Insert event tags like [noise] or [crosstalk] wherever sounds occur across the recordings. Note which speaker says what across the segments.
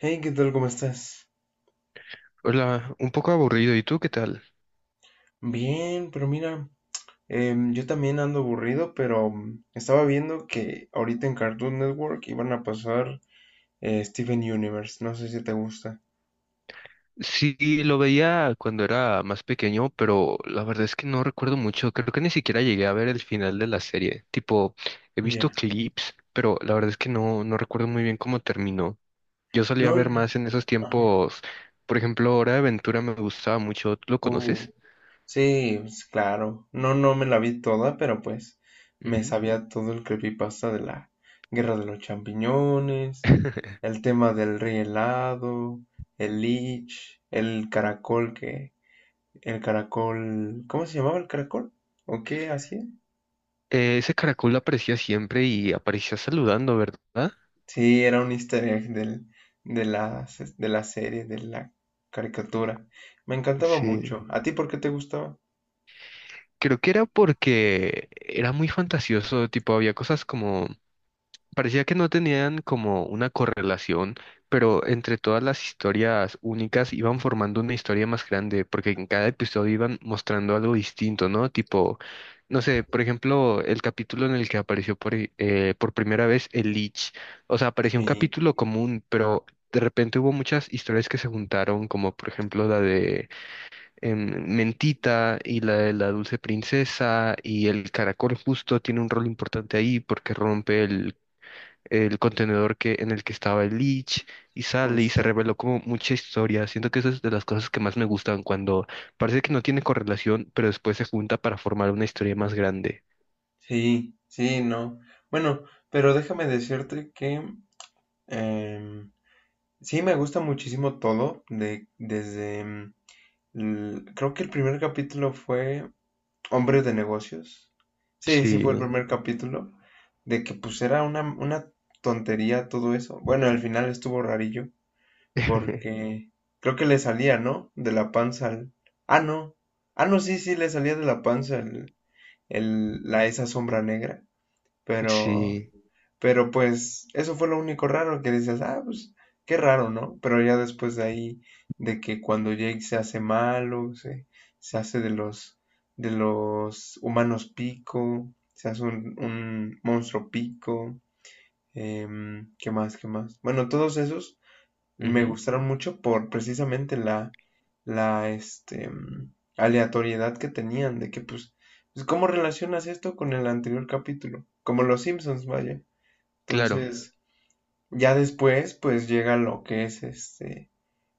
Speaker 1: Hey, ¿qué tal? ¿Cómo estás?
Speaker 2: Hola, un poco aburrido. ¿Y tú qué tal?
Speaker 1: Bien, pero mira, yo también ando aburrido, pero estaba viendo que ahorita en Cartoon Network iban a pasar Steven Universe. No sé si te gusta.
Speaker 2: Sí, lo veía cuando era más pequeño, pero la verdad es que no recuerdo mucho. Creo que ni siquiera llegué a ver el final de la serie. Tipo, he visto
Speaker 1: Ya.
Speaker 2: clips, pero la verdad es que no recuerdo muy bien cómo terminó. Yo solía
Speaker 1: No,
Speaker 2: ver
Speaker 1: no.
Speaker 2: más en esos
Speaker 1: Ajá.
Speaker 2: tiempos. Por ejemplo, Hora de Aventura me gustaba mucho. ¿Tú lo conoces?
Speaker 1: Uh, sí, pues, claro. No, no me la vi toda, pero pues me
Speaker 2: Ujú.
Speaker 1: sabía todo el creepypasta de la Guerra de los Champiñones,
Speaker 2: [laughs]
Speaker 1: el tema del rey helado, el Lich, el caracol. ¿Cómo se llamaba el caracol? ¿O qué hacía?
Speaker 2: Ese caracol aparecía siempre y aparecía saludando, ¿verdad?
Speaker 1: Sí, era un easter egg de la, de la serie, de la caricatura. Me encantaba
Speaker 2: Sí.
Speaker 1: mucho. ¿A ti por qué te gustaba?
Speaker 2: Creo que era porque era muy fantasioso, tipo, había cosas como parecía que no tenían como una correlación, pero entre todas las historias únicas iban formando una historia más grande, porque en cada episodio iban mostrando algo distinto, ¿no? Tipo, no sé, por ejemplo, el capítulo en el que apareció por primera vez el Lich. O sea, apareció un
Speaker 1: Sí,
Speaker 2: capítulo común, pero de repente hubo muchas historias que se juntaron, como por ejemplo la de Mentita y la de la Dulce Princesa, y el caracol justo tiene un rol importante ahí porque rompe el contenedor en el que estaba el Lich y sale y se
Speaker 1: justo.
Speaker 2: reveló como mucha historia. Siento que eso es de las cosas que más me gustan cuando parece que no tiene correlación, pero después se junta para formar una historia más grande.
Speaker 1: Sí, sí, no. Bueno, pero déjame decirte que em, sí me gusta muchísimo todo. Desde, creo que el primer capítulo fue Hombres de negocios. Sí, sí
Speaker 2: Sí,
Speaker 1: fue el primer capítulo. De que pues era una tontería todo eso. Bueno, al final estuvo rarillo.
Speaker 2: [laughs]
Speaker 1: Porque creo que le salía, ¿no? De la panza al... Ah, no. Ah, no, sí, sí, le salía de la panza esa sombra negra. Pero
Speaker 2: sí,
Speaker 1: pero pues eso fue lo único raro que dices, ah, pues qué raro, ¿no? Pero ya después de ahí, de que cuando Jake se hace malo, se hace de los humanos pico, se hace un monstruo pico, ¿qué más, qué más? Bueno, todos esos me
Speaker 2: ujú.
Speaker 1: gustaron mucho por precisamente la, este, aleatoriedad que tenían, de que pues, ¿cómo relacionas esto con el anterior capítulo? Como los Simpsons, vaya.
Speaker 2: Claro.
Speaker 1: Entonces... Ya después, pues llega lo que es este,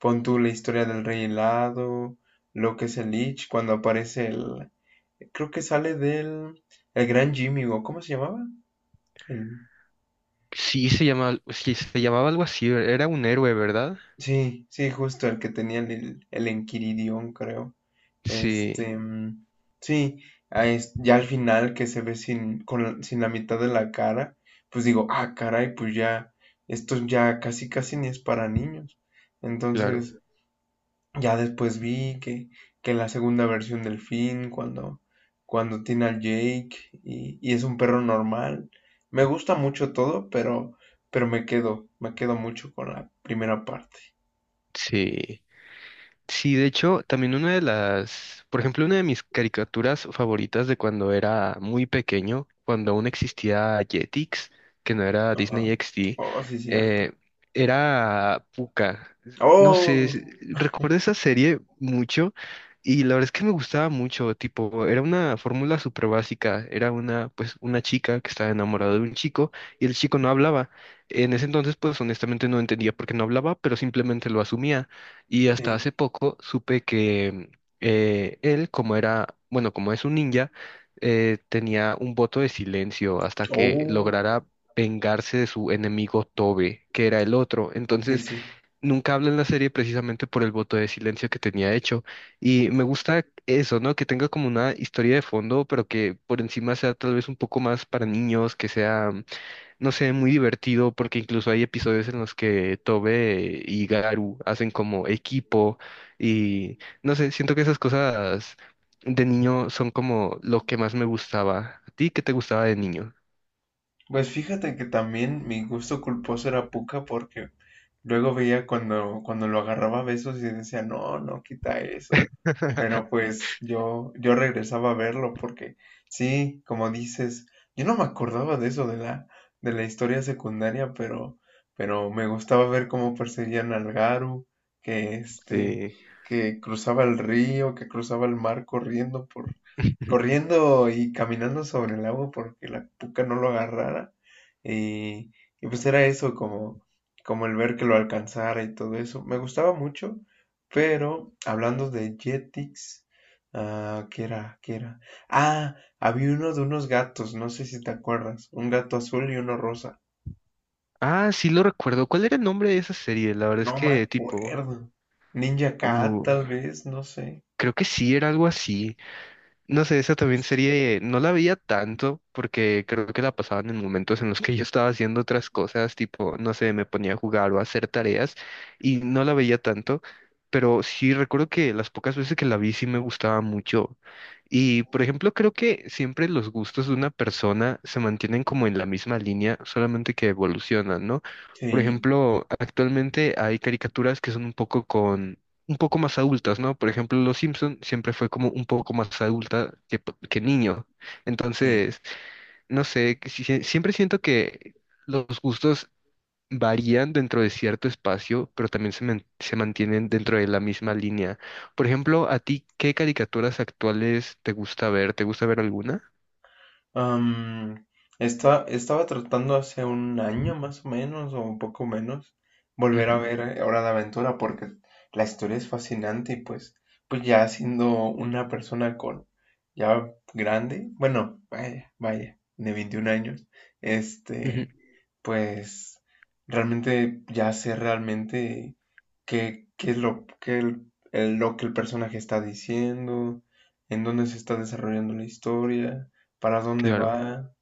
Speaker 1: pon tú la historia del Rey Helado, lo que es el Lich, cuando aparece creo que sale el Gran Jimmy, o ¿cómo se llamaba? El,
Speaker 2: Sí se llama, sí se llamaba algo así, era un héroe, ¿verdad?
Speaker 1: sí, sí, justo el que tenía el Enquiridión, creo.
Speaker 2: Sí,
Speaker 1: Este, sí, ya al final que se ve sin la mitad de la cara, pues digo, ah, caray, pues ya, esto ya casi casi ni es para niños.
Speaker 2: claro,
Speaker 1: Entonces, ya después vi que la segunda versión del Finn, cuando tiene al Jake y es un perro normal. Me gusta mucho todo, pero me quedo mucho con la primera parte.
Speaker 2: sí. Sí, de hecho, también una de las, por ejemplo, una de mis caricaturas favoritas de cuando era muy pequeño, cuando aún existía Jetix, que no era
Speaker 1: Ajá.
Speaker 2: Disney XD,
Speaker 1: Oh, sí, cierto.
Speaker 2: eh, era Pucca. No sé,
Speaker 1: Oh,
Speaker 2: recuerdo esa serie mucho y la verdad es que me gustaba mucho, tipo, era una fórmula súper básica, era una, pues, una chica que estaba enamorada de un chico y el chico no hablaba. En ese entonces, pues, honestamente no entendía por qué no hablaba, pero simplemente lo asumía. Y hasta hace
Speaker 1: sí.
Speaker 2: poco supe que él, como era, bueno, como es un ninja, tenía un voto de silencio hasta que
Speaker 1: Oh,
Speaker 2: lograra vengarse de su enemigo Tobe, que era el otro.
Speaker 1: sí,
Speaker 2: Entonces,
Speaker 1: sí.
Speaker 2: nunca habla en la serie precisamente por el voto de silencio que tenía hecho. Y me gusta eso, ¿no? Que tenga como una historia de fondo, pero que por encima sea tal vez un poco más para niños, que sea no sé, muy divertido porque incluso hay episodios en los que Tobe y Garu hacen como equipo y no sé, siento que esas cosas de niño son como lo que más me gustaba. ¿A ti qué te gustaba de niño?
Speaker 1: Pues fíjate que también mi gusto culposo era Puka porque luego veía cuando lo agarraba a besos y decía, no, no, quita eso. Pero
Speaker 2: [laughs]
Speaker 1: pues yo regresaba a verlo porque sí, como dices, yo no me acordaba de eso de la historia secundaria, pero me gustaba ver cómo perseguían al Garu, que este,
Speaker 2: Sí.
Speaker 1: que cruzaba el río, que cruzaba el mar corriendo y caminando sobre el agua porque la puca no lo agarrara. Y, y pues era eso, como el ver que lo alcanzara y todo eso. Me gustaba mucho. Pero hablando de Jetix, ah, ¿qué era? ¿Qué era? Ah, había uno de unos gatos, no sé si te acuerdas. Un gato azul y uno rosa.
Speaker 2: Ah, sí lo recuerdo. ¿Cuál era el nombre de esa serie? La verdad es
Speaker 1: No me
Speaker 2: que tipo,
Speaker 1: acuerdo. Ninja Cat,
Speaker 2: uh,
Speaker 1: tal vez, no sé.
Speaker 2: creo que sí era algo así. No sé, esa también serie no la veía tanto porque creo que la pasaban en momentos en los que yo estaba haciendo otras cosas, tipo, no sé, me ponía a jugar o a hacer tareas y no la veía tanto, pero sí recuerdo que las pocas veces que la vi sí me gustaba mucho. Y, por ejemplo, creo que siempre los gustos de una persona se mantienen como en la misma línea, solamente que evolucionan, ¿no? Por
Speaker 1: Sí,
Speaker 2: ejemplo, actualmente hay caricaturas que son un poco más adultas, ¿no? Por ejemplo, Los Simpson siempre fue como un poco más adulta que, que niño.
Speaker 1: sí.
Speaker 2: Entonces, no sé, que siempre siento que los gustos varían dentro de cierto espacio, pero también se, se mantienen dentro de la misma línea. Por ejemplo, ¿a ti qué caricaturas actuales te gusta ver? ¿Te gusta ver alguna?
Speaker 1: Am, estaba tratando hace un año más o menos, o un poco menos, volver a
Speaker 2: Ujú,
Speaker 1: ver Hora de Aventura porque la historia es fascinante y pues ya siendo una persona con ya grande, bueno, vaya, vaya, de 21 años,
Speaker 2: ujú,
Speaker 1: este, pues realmente ya sé realmente qué es lo que lo que el personaje está diciendo, en dónde se está desarrollando la historia, para dónde
Speaker 2: claro.
Speaker 1: va,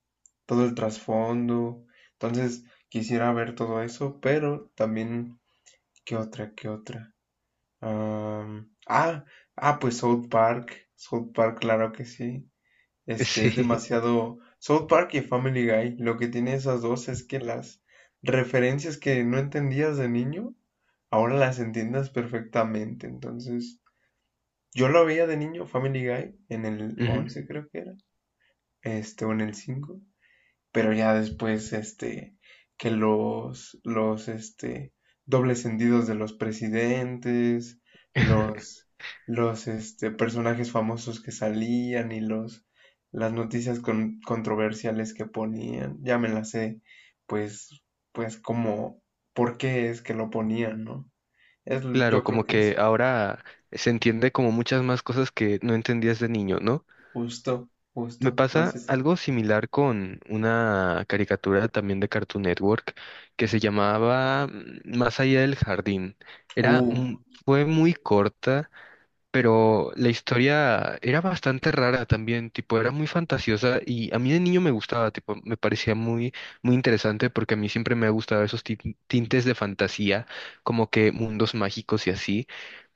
Speaker 1: todo el trasfondo. Entonces, quisiera ver todo eso, pero también, ¿qué otra? ¿Qué otra? Am, ah, pues South Park. South Park, claro que sí.
Speaker 2: [laughs]
Speaker 1: Este es
Speaker 2: Sí.
Speaker 1: demasiado. South Park y Family Guy. Lo que tiene esas dos es que las referencias que no entendías de niño, ahora las entiendes perfectamente. Entonces, yo lo veía de niño, Family Guy, en el
Speaker 2: Ujú.
Speaker 1: 11 creo que era. Este, o en el cinco, pero ya después, este, que los, este, dobles sentidos de los presidentes,
Speaker 2: [laughs]
Speaker 1: los, los, este, personajes famosos que salían y los, las noticias controversiales que ponían, ya me las sé, pues, pues como, ¿por qué es que lo ponían, no?
Speaker 2: Claro,
Speaker 1: Yo
Speaker 2: como
Speaker 1: creo que es
Speaker 2: que ahora se entiende como muchas más cosas que no entendías de niño, ¿no?
Speaker 1: justo,
Speaker 2: Me
Speaker 1: justo, no
Speaker 2: pasa
Speaker 1: sé.
Speaker 2: algo similar con una caricatura también de Cartoon Network que se llamaba Más allá del jardín. Era,
Speaker 1: Uh,
Speaker 2: mu- Fue muy corta, pero la historia era bastante rara también, tipo, era muy fantasiosa y a mí de niño me gustaba, tipo, me parecía muy, muy interesante porque a mí siempre me ha gustado esos tintes de fantasía, como que mundos mágicos y así.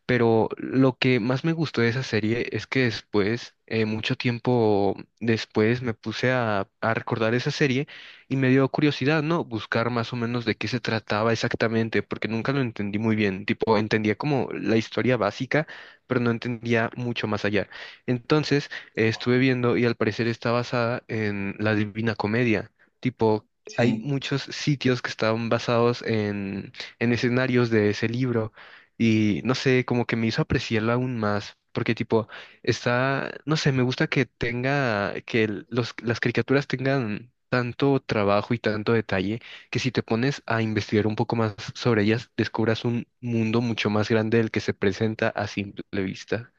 Speaker 2: Pero lo que más me gustó de esa serie es que después, mucho tiempo después, me puse a recordar esa serie y me dio curiosidad, ¿no? Buscar más o menos de qué se trataba exactamente, porque nunca lo entendí muy bien. Tipo, entendía como la historia básica, pero no entendía mucho más allá. Entonces, estuve viendo y al parecer está basada en la Divina Comedia. Tipo, hay
Speaker 1: sí.
Speaker 2: muchos sitios que estaban basados en escenarios de ese libro. Y no sé, como que me hizo apreciarlo aún más, porque tipo, está, no sé, me gusta que tenga, que las caricaturas tengan tanto trabajo y tanto detalle, que si te pones a investigar un poco más sobre ellas, descubras un mundo mucho más grande del que se presenta a simple vista.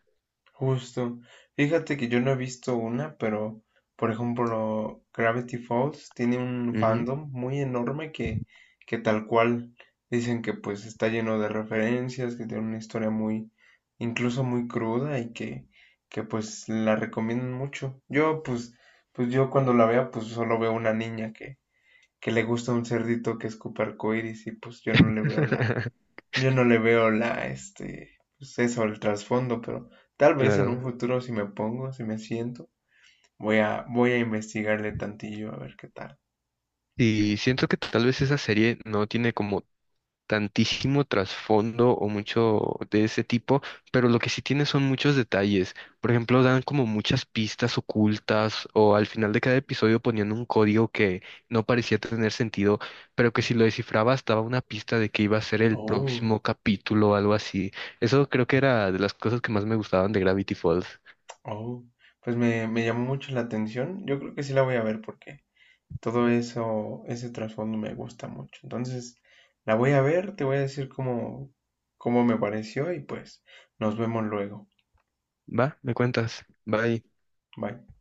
Speaker 1: Justo. Fíjate que yo no he visto una, pero por ejemplo, Gravity Falls tiene un
Speaker 2: Ujú.
Speaker 1: fandom muy enorme que tal cual dicen que pues está lleno de referencias, que tiene una historia muy, incluso muy cruda y que pues la recomiendan mucho. Yo pues yo cuando la vea pues solo veo una niña que le gusta un cerdito que escupe arcoíris y pues
Speaker 2: [laughs]
Speaker 1: yo no le veo la, este, pues eso, el trasfondo, pero tal vez en un
Speaker 2: Claro.
Speaker 1: futuro si me pongo, si me siento, voy a investigarle tantillo a ver qué tal.
Speaker 2: Y siento que tal vez esa serie no tiene como tantísimo trasfondo o mucho de ese tipo, pero lo que sí tiene son muchos detalles. Por ejemplo, dan como muchas pistas ocultas o al final de cada episodio ponían un código que no parecía tener sentido, pero que si lo descifrabas daba una pista de que iba a ser el
Speaker 1: Oh,
Speaker 2: próximo capítulo o algo así. Eso creo que era de las cosas que más me gustaban de Gravity Falls.
Speaker 1: oh, pues me llamó mucho la atención. Yo creo que sí la voy a ver porque todo eso, ese trasfondo me gusta mucho. Entonces, la voy a ver, te voy a decir cómo me pareció y pues nos vemos luego.
Speaker 2: Va, me cuentas. Bye.
Speaker 1: Bye.